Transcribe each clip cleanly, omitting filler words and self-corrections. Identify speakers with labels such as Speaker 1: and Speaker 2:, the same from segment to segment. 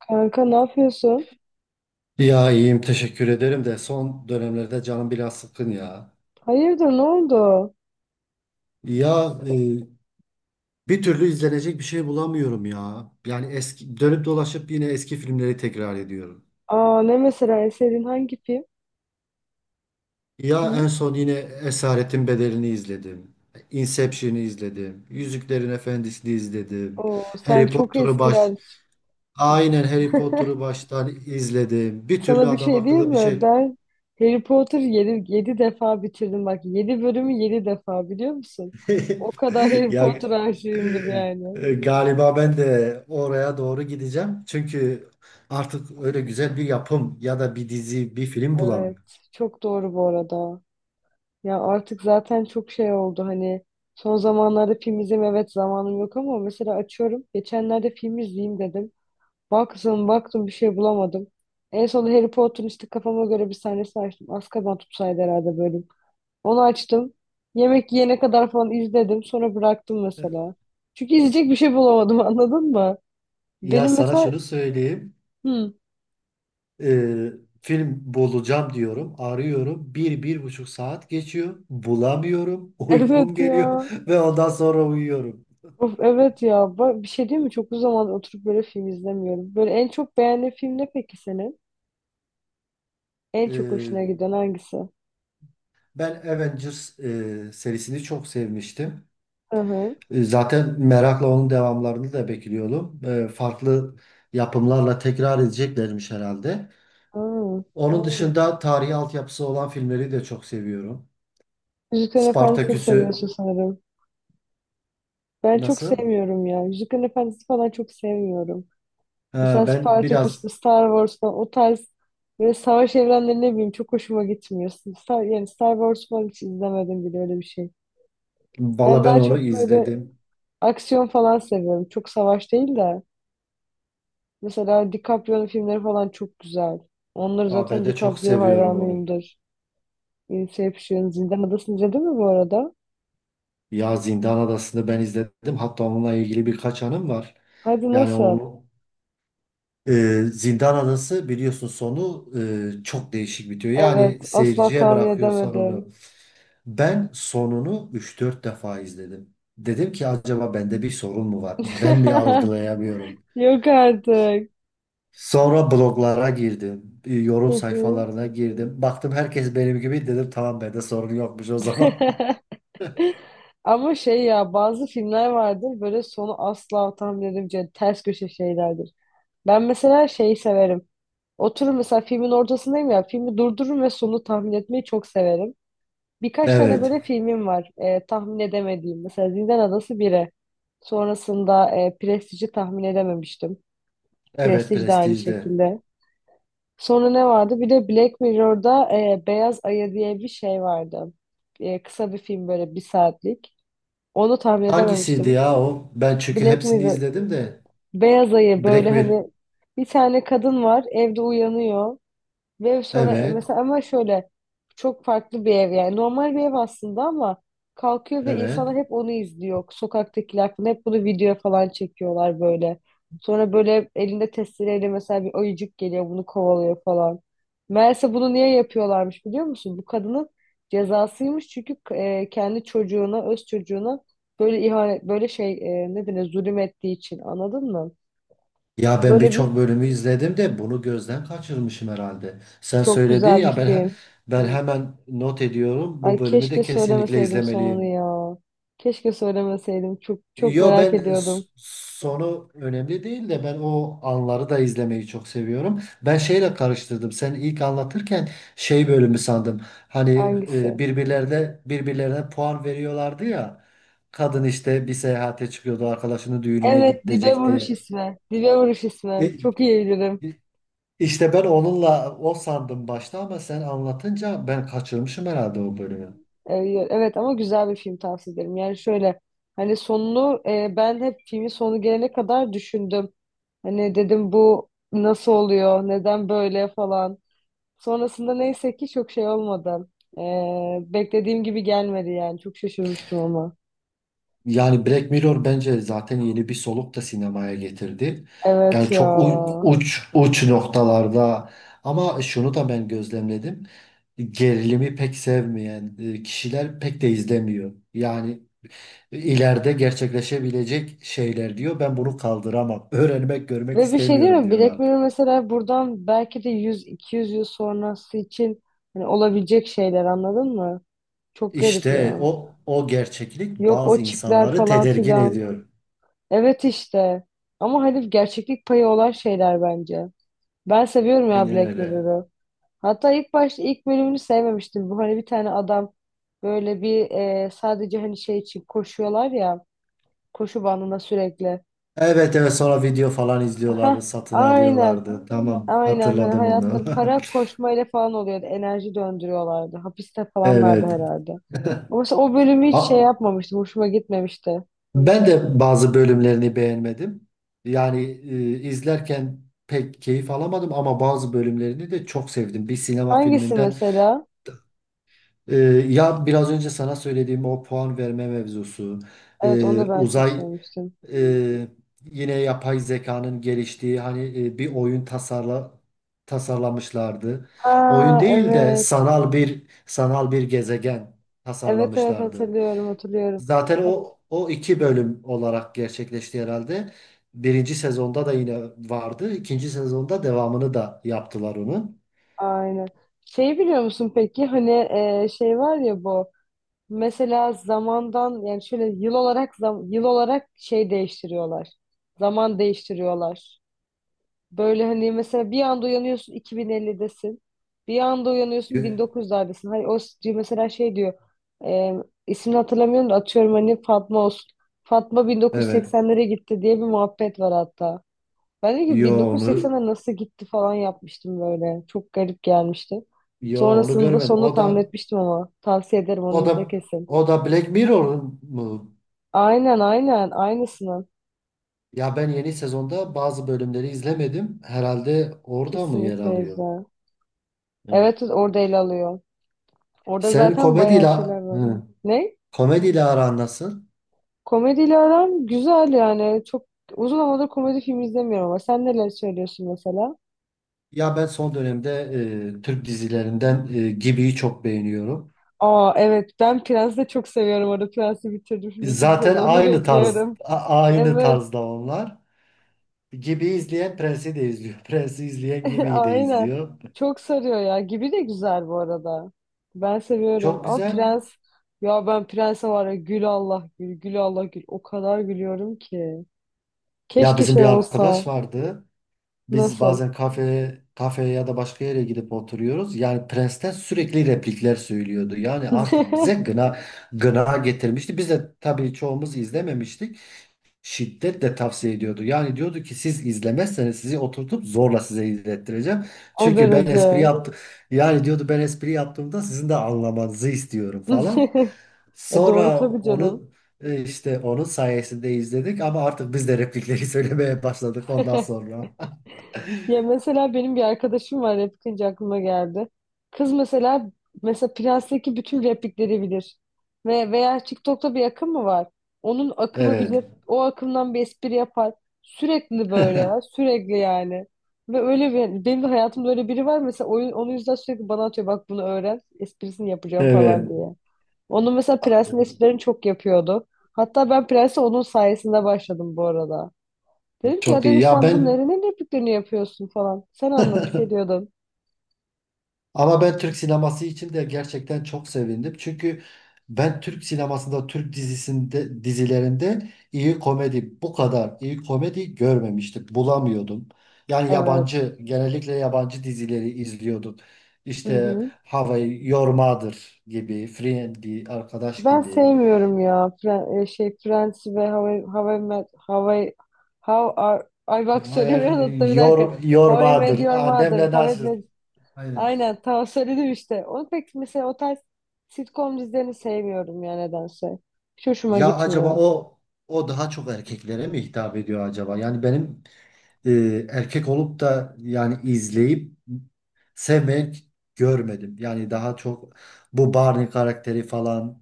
Speaker 1: Kanka ne yapıyorsun?
Speaker 2: Ya iyiyim, teşekkür ederim de son dönemlerde canım biraz sıkkın ya.
Speaker 1: Hayırdır ne oldu?
Speaker 2: Ya bir türlü izlenecek bir şey bulamıyorum ya. Yani eski dönüp dolaşıp yine eski filmleri tekrar ediyorum.
Speaker 1: Aa ne mesela eserin hangi film?
Speaker 2: Ya
Speaker 1: Hı?
Speaker 2: en son yine Esaretin Bedeli'ni izledim. Inception'ı izledim. Yüzüklerin Efendisi'ni izledim.
Speaker 1: Oo sen
Speaker 2: Harry
Speaker 1: çok
Speaker 2: Potter'ı baş
Speaker 1: eskiler.
Speaker 2: Aynen Harry Potter'ı baştan izledim. Bir türlü
Speaker 1: Sana bir
Speaker 2: adam
Speaker 1: şey diyeyim
Speaker 2: akıllı bir
Speaker 1: mi?
Speaker 2: şey.
Speaker 1: Ben Harry Potter yedi defa bitirdim bak. Yedi bölümü 7 defa biliyor musun? O kadar Harry
Speaker 2: Ya,
Speaker 1: Potter aşığımdır yani.
Speaker 2: Galiba ben de oraya doğru gideceğim. Çünkü artık öyle güzel bir yapım ya da bir dizi, bir film bulamıyorum.
Speaker 1: Evet, çok doğru bu arada. Ya artık zaten çok şey oldu hani son zamanlarda film izleme evet zamanım yok ama mesela açıyorum. Geçenlerde film izleyeyim dedim. Baktım bir şey bulamadım. En son Harry Potter'ın işte kafama göre bir sahnesi açtım. Azkaban tutsaydı herhalde bölüm. Onu açtım. Yemek yiyene kadar falan izledim. Sonra bıraktım mesela. Çünkü izleyecek bir şey bulamadım anladın mı?
Speaker 2: Ya
Speaker 1: Benim
Speaker 2: sana
Speaker 1: mesela...
Speaker 2: şunu söyleyeyim.
Speaker 1: Hı,
Speaker 2: e, Film bulacağım diyorum, arıyorum. Bir, bir buçuk saat geçiyor. Bulamıyorum. Uykum
Speaker 1: evet
Speaker 2: geliyor.
Speaker 1: ya.
Speaker 2: Ve ondan sonra uyuyorum.
Speaker 1: Of, evet ya. Bak, bir şey değil mi? Çok uzun zaman oturup böyle film izlemiyorum. Böyle en çok beğendiğin film ne peki senin? En çok
Speaker 2: E,
Speaker 1: hoşuna giden hangisi?
Speaker 2: Ben Avengers serisini çok sevmiştim.
Speaker 1: Hı hı.
Speaker 2: Zaten merakla onun devamlarını da bekliyorum. Farklı yapımlarla tekrar edeceklermiş herhalde.
Speaker 1: Hı.
Speaker 2: Onun dışında tarihi altyapısı olan filmleri de çok seviyorum. Tabii tabii.
Speaker 1: Yüzüklerin Efendisi'ni
Speaker 2: Spartaküs'ü
Speaker 1: seviyorsun sanırım. Ben çok
Speaker 2: nasıl?
Speaker 1: sevmiyorum ya. Yüzüklerin Efendisi falan çok sevmiyorum.
Speaker 2: E,
Speaker 1: Mesela
Speaker 2: Ben
Speaker 1: Spartacus,
Speaker 2: biraz,
Speaker 1: Star Wars falan o tarz böyle savaş evrenleri ne bileyim çok hoşuma gitmiyor. Star, yani Star Wars falan hiç izlemedim bile öyle bir şey. Ben
Speaker 2: Valla ben
Speaker 1: daha
Speaker 2: onu
Speaker 1: çok böyle
Speaker 2: izledim.
Speaker 1: aksiyon falan seviyorum. Çok savaş değil de. Mesela DiCaprio'nun filmleri falan çok güzel. Onları
Speaker 2: Aa, ben
Speaker 1: zaten
Speaker 2: de çok
Speaker 1: DiCaprio
Speaker 2: seviyorum onu.
Speaker 1: hayranıyımdır. Inception, Zindan Adası'nı izledin mi bu arada?
Speaker 2: Ya Zindan Adası'nı ben izledim. Hatta onunla ilgili birkaç anım var.
Speaker 1: Hadi
Speaker 2: Yani
Speaker 1: nasıl?
Speaker 2: onu e, Zindan Adası biliyorsun, sonu çok değişik bitiyor.
Speaker 1: Evet,
Speaker 2: Yani
Speaker 1: asla
Speaker 2: seyirciye
Speaker 1: tahmin
Speaker 2: bırakıyor
Speaker 1: edemedim.
Speaker 2: sonunu. Ben sonunu üç dört defa izledim. Dedim ki acaba bende bir sorun mu var? Ben mi algılayamıyorum?
Speaker 1: Yok artık.
Speaker 2: Sonra bloglara girdim.
Speaker 1: Hı
Speaker 2: Yorum
Speaker 1: hı.
Speaker 2: sayfalarına girdim. Baktım herkes benim gibi, dedim tamam bende sorun yokmuş o zaman.
Speaker 1: Ama şey ya bazı filmler vardır böyle sonu asla tahmin, ters köşe şeylerdir. Ben mesela şeyi severim. Oturur mesela filmin ortasındayım ya, filmi durdururum ve sonu tahmin etmeyi çok severim. Birkaç tane
Speaker 2: Evet.
Speaker 1: böyle filmim var tahmin edemediğim. Mesela Zindan Adası 1'e. Sonrasında Prestige'i tahmin edememiştim.
Speaker 2: Evet,
Speaker 1: Prestige de aynı
Speaker 2: Prestige'de.
Speaker 1: şekilde. Sonra ne vardı? Bir de Black Mirror'da Beyaz Ayı diye bir şey vardı. Kısa bir film böyle, bir saatlik. Onu tahmin
Speaker 2: Hangisiydi
Speaker 1: edememiştim.
Speaker 2: ya o? Ben çünkü
Speaker 1: Black
Speaker 2: hepsini
Speaker 1: Mirror.
Speaker 2: izledim de.
Speaker 1: Beyaz ayı, böyle
Speaker 2: Black Mirror.
Speaker 1: hani bir tane kadın var evde uyanıyor ve sonra
Speaker 2: Evet.
Speaker 1: mesela ama şöyle çok farklı bir ev, yani normal bir ev aslında ama kalkıyor ve
Speaker 2: Evet.
Speaker 1: insanlar hep onu izliyor. Sokaktakiler falan hep bunu videoya falan çekiyorlar böyle. Sonra böyle elinde testereyle mesela bir ayıcık geliyor, bunu kovalıyor falan. Meğerse bunu niye yapıyorlarmış biliyor musun? Bu kadının cezasıymış çünkü kendi çocuğuna, öz çocuğuna böyle ihanet, böyle şey, ne denir, zulüm ettiği için anladın mı?
Speaker 2: Ya ben
Speaker 1: Böyle bir
Speaker 2: birçok bölümü izledim de bunu gözden kaçırmışım herhalde. Sen
Speaker 1: çok
Speaker 2: söyledin
Speaker 1: güzel bir
Speaker 2: ya, ben he-
Speaker 1: film.
Speaker 2: ben hemen not ediyorum. Bu
Speaker 1: Ay
Speaker 2: bölümü de
Speaker 1: keşke
Speaker 2: kesinlikle
Speaker 1: söylemeseydim sonunu
Speaker 2: izlemeliyim.
Speaker 1: ya. Keşke söylemeseydim. Çok
Speaker 2: Yo,
Speaker 1: merak
Speaker 2: ben s-
Speaker 1: ediyordum.
Speaker 2: sonu önemli değil de ben o anları da izlemeyi çok seviyorum. Ben şeyle karıştırdım. Sen ilk anlatırken şey bölümü sandım. Hani
Speaker 1: Hangisi?
Speaker 2: birbirlerine puan veriyorlardı ya. Kadın işte bir seyahate çıkıyordu, arkadaşının düğününe
Speaker 1: Evet, Dibe Vuruş
Speaker 2: gidecekti.
Speaker 1: ismi. Dibe Vuruş
Speaker 2: E,
Speaker 1: ismi. Çok iyi bilirim.
Speaker 2: İşte ben onunla o sandım başta ama sen anlatınca ben kaçırmışım herhalde o bölümü.
Speaker 1: Ee, Evet ama güzel bir film, tavsiye ederim. Yani şöyle hani sonunu ben hep filmin sonu gelene kadar düşündüm. Hani dedim bu nasıl oluyor? Neden böyle falan. Sonrasında neyse ki çok şey olmadı. Beklediğim gibi gelmedi yani. Çok şaşırmıştım ama.
Speaker 2: Yani Black Mirror bence zaten yeni bir soluk da sinemaya getirdi.
Speaker 1: Evet
Speaker 2: Yani
Speaker 1: ya.
Speaker 2: çok uç uç noktalarda ama şunu da ben gözlemledim. Gerilimi pek sevmeyen kişiler pek de izlemiyor. Yani ileride gerçekleşebilecek şeyler diyor. Ben bunu kaldıramam. Öğrenmek, görmek
Speaker 1: Ve bir şey değil
Speaker 2: istemiyorum
Speaker 1: mi? Black
Speaker 2: diyorlar.
Speaker 1: Mirror mesela buradan belki de 100-200 yıl sonrası için hani olabilecek şeyler anladın mı? Çok garip
Speaker 2: İşte
Speaker 1: ya.
Speaker 2: o gerçeklik
Speaker 1: Yok
Speaker 2: bazı
Speaker 1: o çipler
Speaker 2: insanları
Speaker 1: falan
Speaker 2: tedirgin
Speaker 1: filan.
Speaker 2: ediyor.
Speaker 1: Evet işte. Ama hani gerçeklik payı olan şeyler bence. Ben seviyorum ya
Speaker 2: Aynen
Speaker 1: Black
Speaker 2: öyle.
Speaker 1: Mirror'ı. Hatta ilk başta ilk bölümünü sevmemiştim. Bu hani bir tane adam böyle bir sadece hani şey için koşuyorlar ya. Koşu bandında sürekli.
Speaker 2: Evet, evet, sonra video falan
Speaker 1: Heh,
Speaker 2: izliyorlardı, satın
Speaker 1: aynen.
Speaker 2: alıyorlardı. Tamam,
Speaker 1: Aynen hani
Speaker 2: hatırladım
Speaker 1: hayatları
Speaker 2: onu.
Speaker 1: para koşmayla falan oluyordu. Enerji döndürüyorlardı. Hapiste falanlardı
Speaker 2: Evet.
Speaker 1: herhalde. Ama mesela o bölümü hiç şey
Speaker 2: A-
Speaker 1: yapmamıştım. Hoşuma gitmemişti.
Speaker 2: Ben de bazı bölümlerini beğenmedim. Yani izlerken pek keyif alamadım ama bazı bölümlerini de çok sevdim. Bir sinema
Speaker 1: Hangisi
Speaker 2: filminden
Speaker 1: mesela?
Speaker 2: e, ya biraz önce sana söylediğim o puan verme mevzusu,
Speaker 1: Evet onu
Speaker 2: e,
Speaker 1: da ben çok
Speaker 2: uzay
Speaker 1: sevmiştim.
Speaker 2: Ee, yine yapay zekanın geliştiği, hani bir oyun tasarlamışlardı.
Speaker 1: Ha
Speaker 2: Oyun değil de
Speaker 1: evet.
Speaker 2: sanal bir gezegen
Speaker 1: Evet
Speaker 2: tasarlamışlardı.
Speaker 1: hatırlıyorum, hatırlıyorum.
Speaker 2: Zaten
Speaker 1: Hat,
Speaker 2: o iki bölüm olarak gerçekleşti herhalde. Birinci sezonda da yine vardı. İkinci sezonda devamını da yaptılar onun.
Speaker 1: aynen. Şey biliyor musun peki hani şey var ya bu mesela zamandan, yani şöyle yıl olarak zam-, yıl olarak şey değiştiriyorlar. Zaman değiştiriyorlar. Böyle hani mesela bir anda uyanıyorsun 2050'desin. Bir anda uyanıyorsun
Speaker 2: Gö-
Speaker 1: 1900'lerdesin. Hayır o s-, mesela şey diyor. E, ismini hatırlamıyorum da atıyorum hani Fatma olsun. Fatma
Speaker 2: Evet.
Speaker 1: 1980'lere gitti diye bir muhabbet var hatta. Ben de ki
Speaker 2: Yo onu
Speaker 1: 1980'e nasıl gitti falan yapmıştım böyle. Çok garip gelmişti.
Speaker 2: yo onu
Speaker 1: Sonrasında
Speaker 2: görmedim.
Speaker 1: sonunu tahmin etmiştim ama. Tavsiye ederim,
Speaker 2: O
Speaker 1: onu
Speaker 2: da
Speaker 1: izle kesin.
Speaker 2: o da Black Mirror'un mu?
Speaker 1: Aynen aynısını.
Speaker 2: Ya ben yeni sezonda bazı bölümleri izlemedim. Herhalde orada mı yer
Speaker 1: Kesinlikle
Speaker 2: alıyor?
Speaker 1: izle.
Speaker 2: Evet.
Speaker 1: Evet orada ele alıyor. Orada
Speaker 2: Senin
Speaker 1: zaten bayağı şeyler var.
Speaker 2: hı,
Speaker 1: Ne?
Speaker 2: komediyle aran nasıl?
Speaker 1: Komediyle aram güzel yani. Çok uzun zamandır komedi filmi izlemiyorum ama sen neler söylüyorsun mesela?
Speaker 2: Ya ben son dönemde Türk dizilerinden Gibi'yi çok beğeniyorum.
Speaker 1: Aa evet, ben Prens'i de çok seviyorum. Orada Prens'i bitirdim. Şimdi ikinci
Speaker 2: Zaten
Speaker 1: sezonunu
Speaker 2: aynı tarz,
Speaker 1: bekliyorum.
Speaker 2: a- aynı
Speaker 1: Evet
Speaker 2: tarzda onlar. Gibi izleyen Prens'i de izliyor. Prens'i izleyen Gibi'yi de
Speaker 1: aynen.
Speaker 2: izliyor.
Speaker 1: Çok sarıyor ya. Gibi de güzel bu arada. Ben seviyorum
Speaker 2: Çok
Speaker 1: ama
Speaker 2: güzel.
Speaker 1: Prens, ya ben Prens'e var ya gül Allah gül, gül Allah gül. O kadar gülüyorum ki.
Speaker 2: Ya
Speaker 1: Keşke
Speaker 2: bizim bir
Speaker 1: şey
Speaker 2: arkadaş
Speaker 1: olsa.
Speaker 2: vardı. Biz
Speaker 1: Nasıl?
Speaker 2: bazen kafeye ya da başka yere gidip oturuyoruz. Yani Prens'ten sürekli replikler söylüyordu. Yani artık bize gına getirmişti. Biz de tabii çoğumuz izlememiştik. Şiddetle tavsiye ediyordu. Yani diyordu ki siz izlemezseniz sizi oturtup zorla size izlettireceğim.
Speaker 1: O
Speaker 2: Çünkü ben espri
Speaker 1: derece.
Speaker 2: yaptım. Yani diyordu ben espri yaptığımda sizin de anlamanızı istiyorum falan.
Speaker 1: E doğru
Speaker 2: Sonra
Speaker 1: tabii canım.
Speaker 2: onu işte onun sayesinde izledik ama artık biz de replikleri söylemeye başladık ondan sonra.
Speaker 1: Ya mesela benim bir arkadaşım var, replikçi aklıma geldi. Kız mesela, Prens'teki bütün replikleri bilir. Ve veya TikTok'ta bir akım mı var? Onun akımı
Speaker 2: Evet.
Speaker 1: bilir. O akımdan bir espri yapar. Sürekli böyle ya. Sürekli yani. Ve öyle bir, benim de hayatımda öyle biri var. Mesela oyun, onun yüzden sürekli bana atıyor. Bak bunu öğren. Esprisini yapacağım falan
Speaker 2: Evet.
Speaker 1: diye. Onun mesela Prens'in esprilerini çok yapıyordu. Hatta ben Prens'e onun sayesinde başladım bu arada. Dedim ki ya
Speaker 2: Çok iyi.
Speaker 1: dedim
Speaker 2: Ya
Speaker 1: sen
Speaker 2: ben
Speaker 1: bunların ne repliklerini yapıyorsun falan. Sen anlat bir şey diyordun.
Speaker 2: ama ben Türk sineması için de gerçekten çok sevindim. Çünkü ben Türk sinemasında, Türk dizilerinde iyi komedi, bu kadar iyi komedi görmemiştim. Bulamıyordum. Yani
Speaker 1: Evet.
Speaker 2: yabancı, genellikle yabancı dizileri izliyorduk.
Speaker 1: Hı
Speaker 2: İşte
Speaker 1: hı.
Speaker 2: Hawaii Your Mother gibi, Friendly, Arkadaş
Speaker 1: Ben
Speaker 2: gibi.
Speaker 1: sevmiyorum ya Fren-, şey Friends ve How I, How Are-, ay bak
Speaker 2: Hayır,
Speaker 1: söylemiyorum da bir dakika.
Speaker 2: Your
Speaker 1: How I
Speaker 2: Mother,
Speaker 1: Met Your Mother.
Speaker 2: Annemle
Speaker 1: How I
Speaker 2: Nasıl.
Speaker 1: Met,
Speaker 2: Aynen.
Speaker 1: aynen tamam söyledim işte. Onu pek mesela o tarz sitcom dizilerini sevmiyorum ya nedense. Hiç hoşuma
Speaker 2: Ya acaba
Speaker 1: gitmiyor.
Speaker 2: o daha çok erkeklere mi hitap ediyor acaba? Yani benim erkek olup da yani izleyip sevmek görmedim. Yani daha çok bu Barney karakteri falan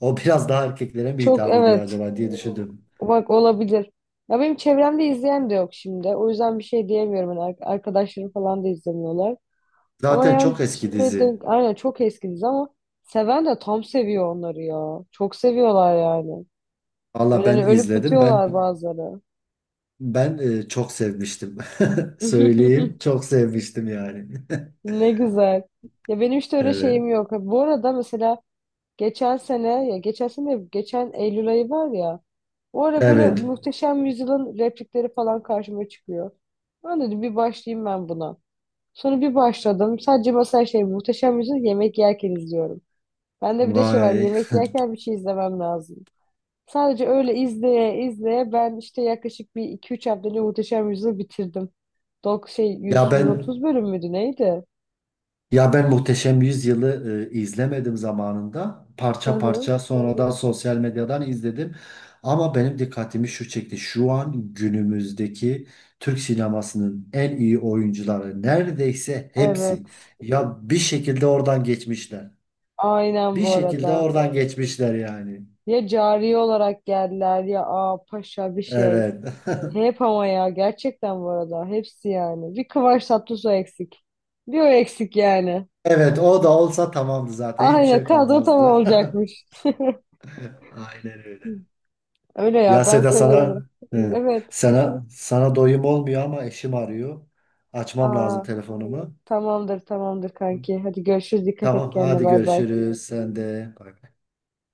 Speaker 2: o, biraz daha erkeklere mi
Speaker 1: Çok
Speaker 2: hitap ediyor
Speaker 1: evet,
Speaker 2: acaba diye düşündüm.
Speaker 1: bak olabilir. Ya benim çevremde izleyen de yok şimdi. O yüzden bir şey diyemiyorum. Hani ar-, arkadaşlarım falan da izlemiyorlar. Ama
Speaker 2: Zaten
Speaker 1: yani
Speaker 2: çok
Speaker 1: hiç
Speaker 2: eski
Speaker 1: de
Speaker 2: dizi.
Speaker 1: denk... Aynen, çok eski dizi ama seven de tam seviyor onları ya. Çok seviyorlar yani.
Speaker 2: Valla
Speaker 1: Böyle
Speaker 2: ben
Speaker 1: hani ölüp
Speaker 2: izledim. Ben
Speaker 1: bitiyorlar bazıları.
Speaker 2: ben çok sevmiştim. Söyleyeyim, çok sevmiştim yani.
Speaker 1: Ne güzel. Ya benim işte öyle
Speaker 2: Evet.
Speaker 1: şeyim yok. Bu arada mesela geçen sene, ya geçen sene geçen Eylül ayı var ya, o ara böyle
Speaker 2: Evet.
Speaker 1: Muhteşem Yüzyıl'ın replikleri falan karşıma çıkıyor. Ben dedim bir başlayayım ben buna. Sonra bir başladım. Sadece mesela şey Muhteşem Yüzyıl, yemek yerken izliyorum. Bende bir de şey var,
Speaker 2: Vay.
Speaker 1: yemek yerken bir şey izlemem lazım. Sadece öyle izleye izleye ben işte yaklaşık bir 2-3 haftada Muhteşem Yüzyıl'ı bitirdim. Dok şey yüz,
Speaker 2: Ya
Speaker 1: yüz
Speaker 2: ben
Speaker 1: otuz bölüm müydü neydi?
Speaker 2: Ya ben Muhteşem Yüzyıl'ı izlemedim zamanında.
Speaker 1: Hı
Speaker 2: Parça
Speaker 1: hı.
Speaker 2: parça sonradan sosyal medyadan izledim. Ama benim dikkatimi şu çekti. Şu an günümüzdeki Türk sinemasının en iyi oyuncuları neredeyse
Speaker 1: Evet.
Speaker 2: hepsi. Ya bir şekilde oradan geçmişler.
Speaker 1: Aynen
Speaker 2: Bir
Speaker 1: bu
Speaker 2: şekilde
Speaker 1: arada.
Speaker 2: oradan geçmişler yani.
Speaker 1: Ya cariye olarak geldiler ya aa paşa bir şey.
Speaker 2: Evet.
Speaker 1: Hep ama ya gerçekten bu arada hepsi yani. Bir Kıvanç Tatlıtuğ eksik. Bir o eksik yani.
Speaker 2: Evet, o da olsa tamamdı zaten. Hiçbir
Speaker 1: Aynen
Speaker 2: şey
Speaker 1: kadro tam
Speaker 2: kalmazdı.
Speaker 1: olacakmış.
Speaker 2: Aynen öyle.
Speaker 1: Öyle
Speaker 2: Ya
Speaker 1: ya ben
Speaker 2: Seda
Speaker 1: seviyorum.
Speaker 2: sana e,
Speaker 1: Evet.
Speaker 2: sana sana doyum olmuyor ama eşim arıyor. Açmam lazım
Speaker 1: Aa,
Speaker 2: telefonumu.
Speaker 1: tamamdır kanki. Hadi görüşürüz, dikkat et
Speaker 2: Tamam,
Speaker 1: kendine,
Speaker 2: hadi
Speaker 1: bay bay.
Speaker 2: görüşürüz sen de. Bay bay.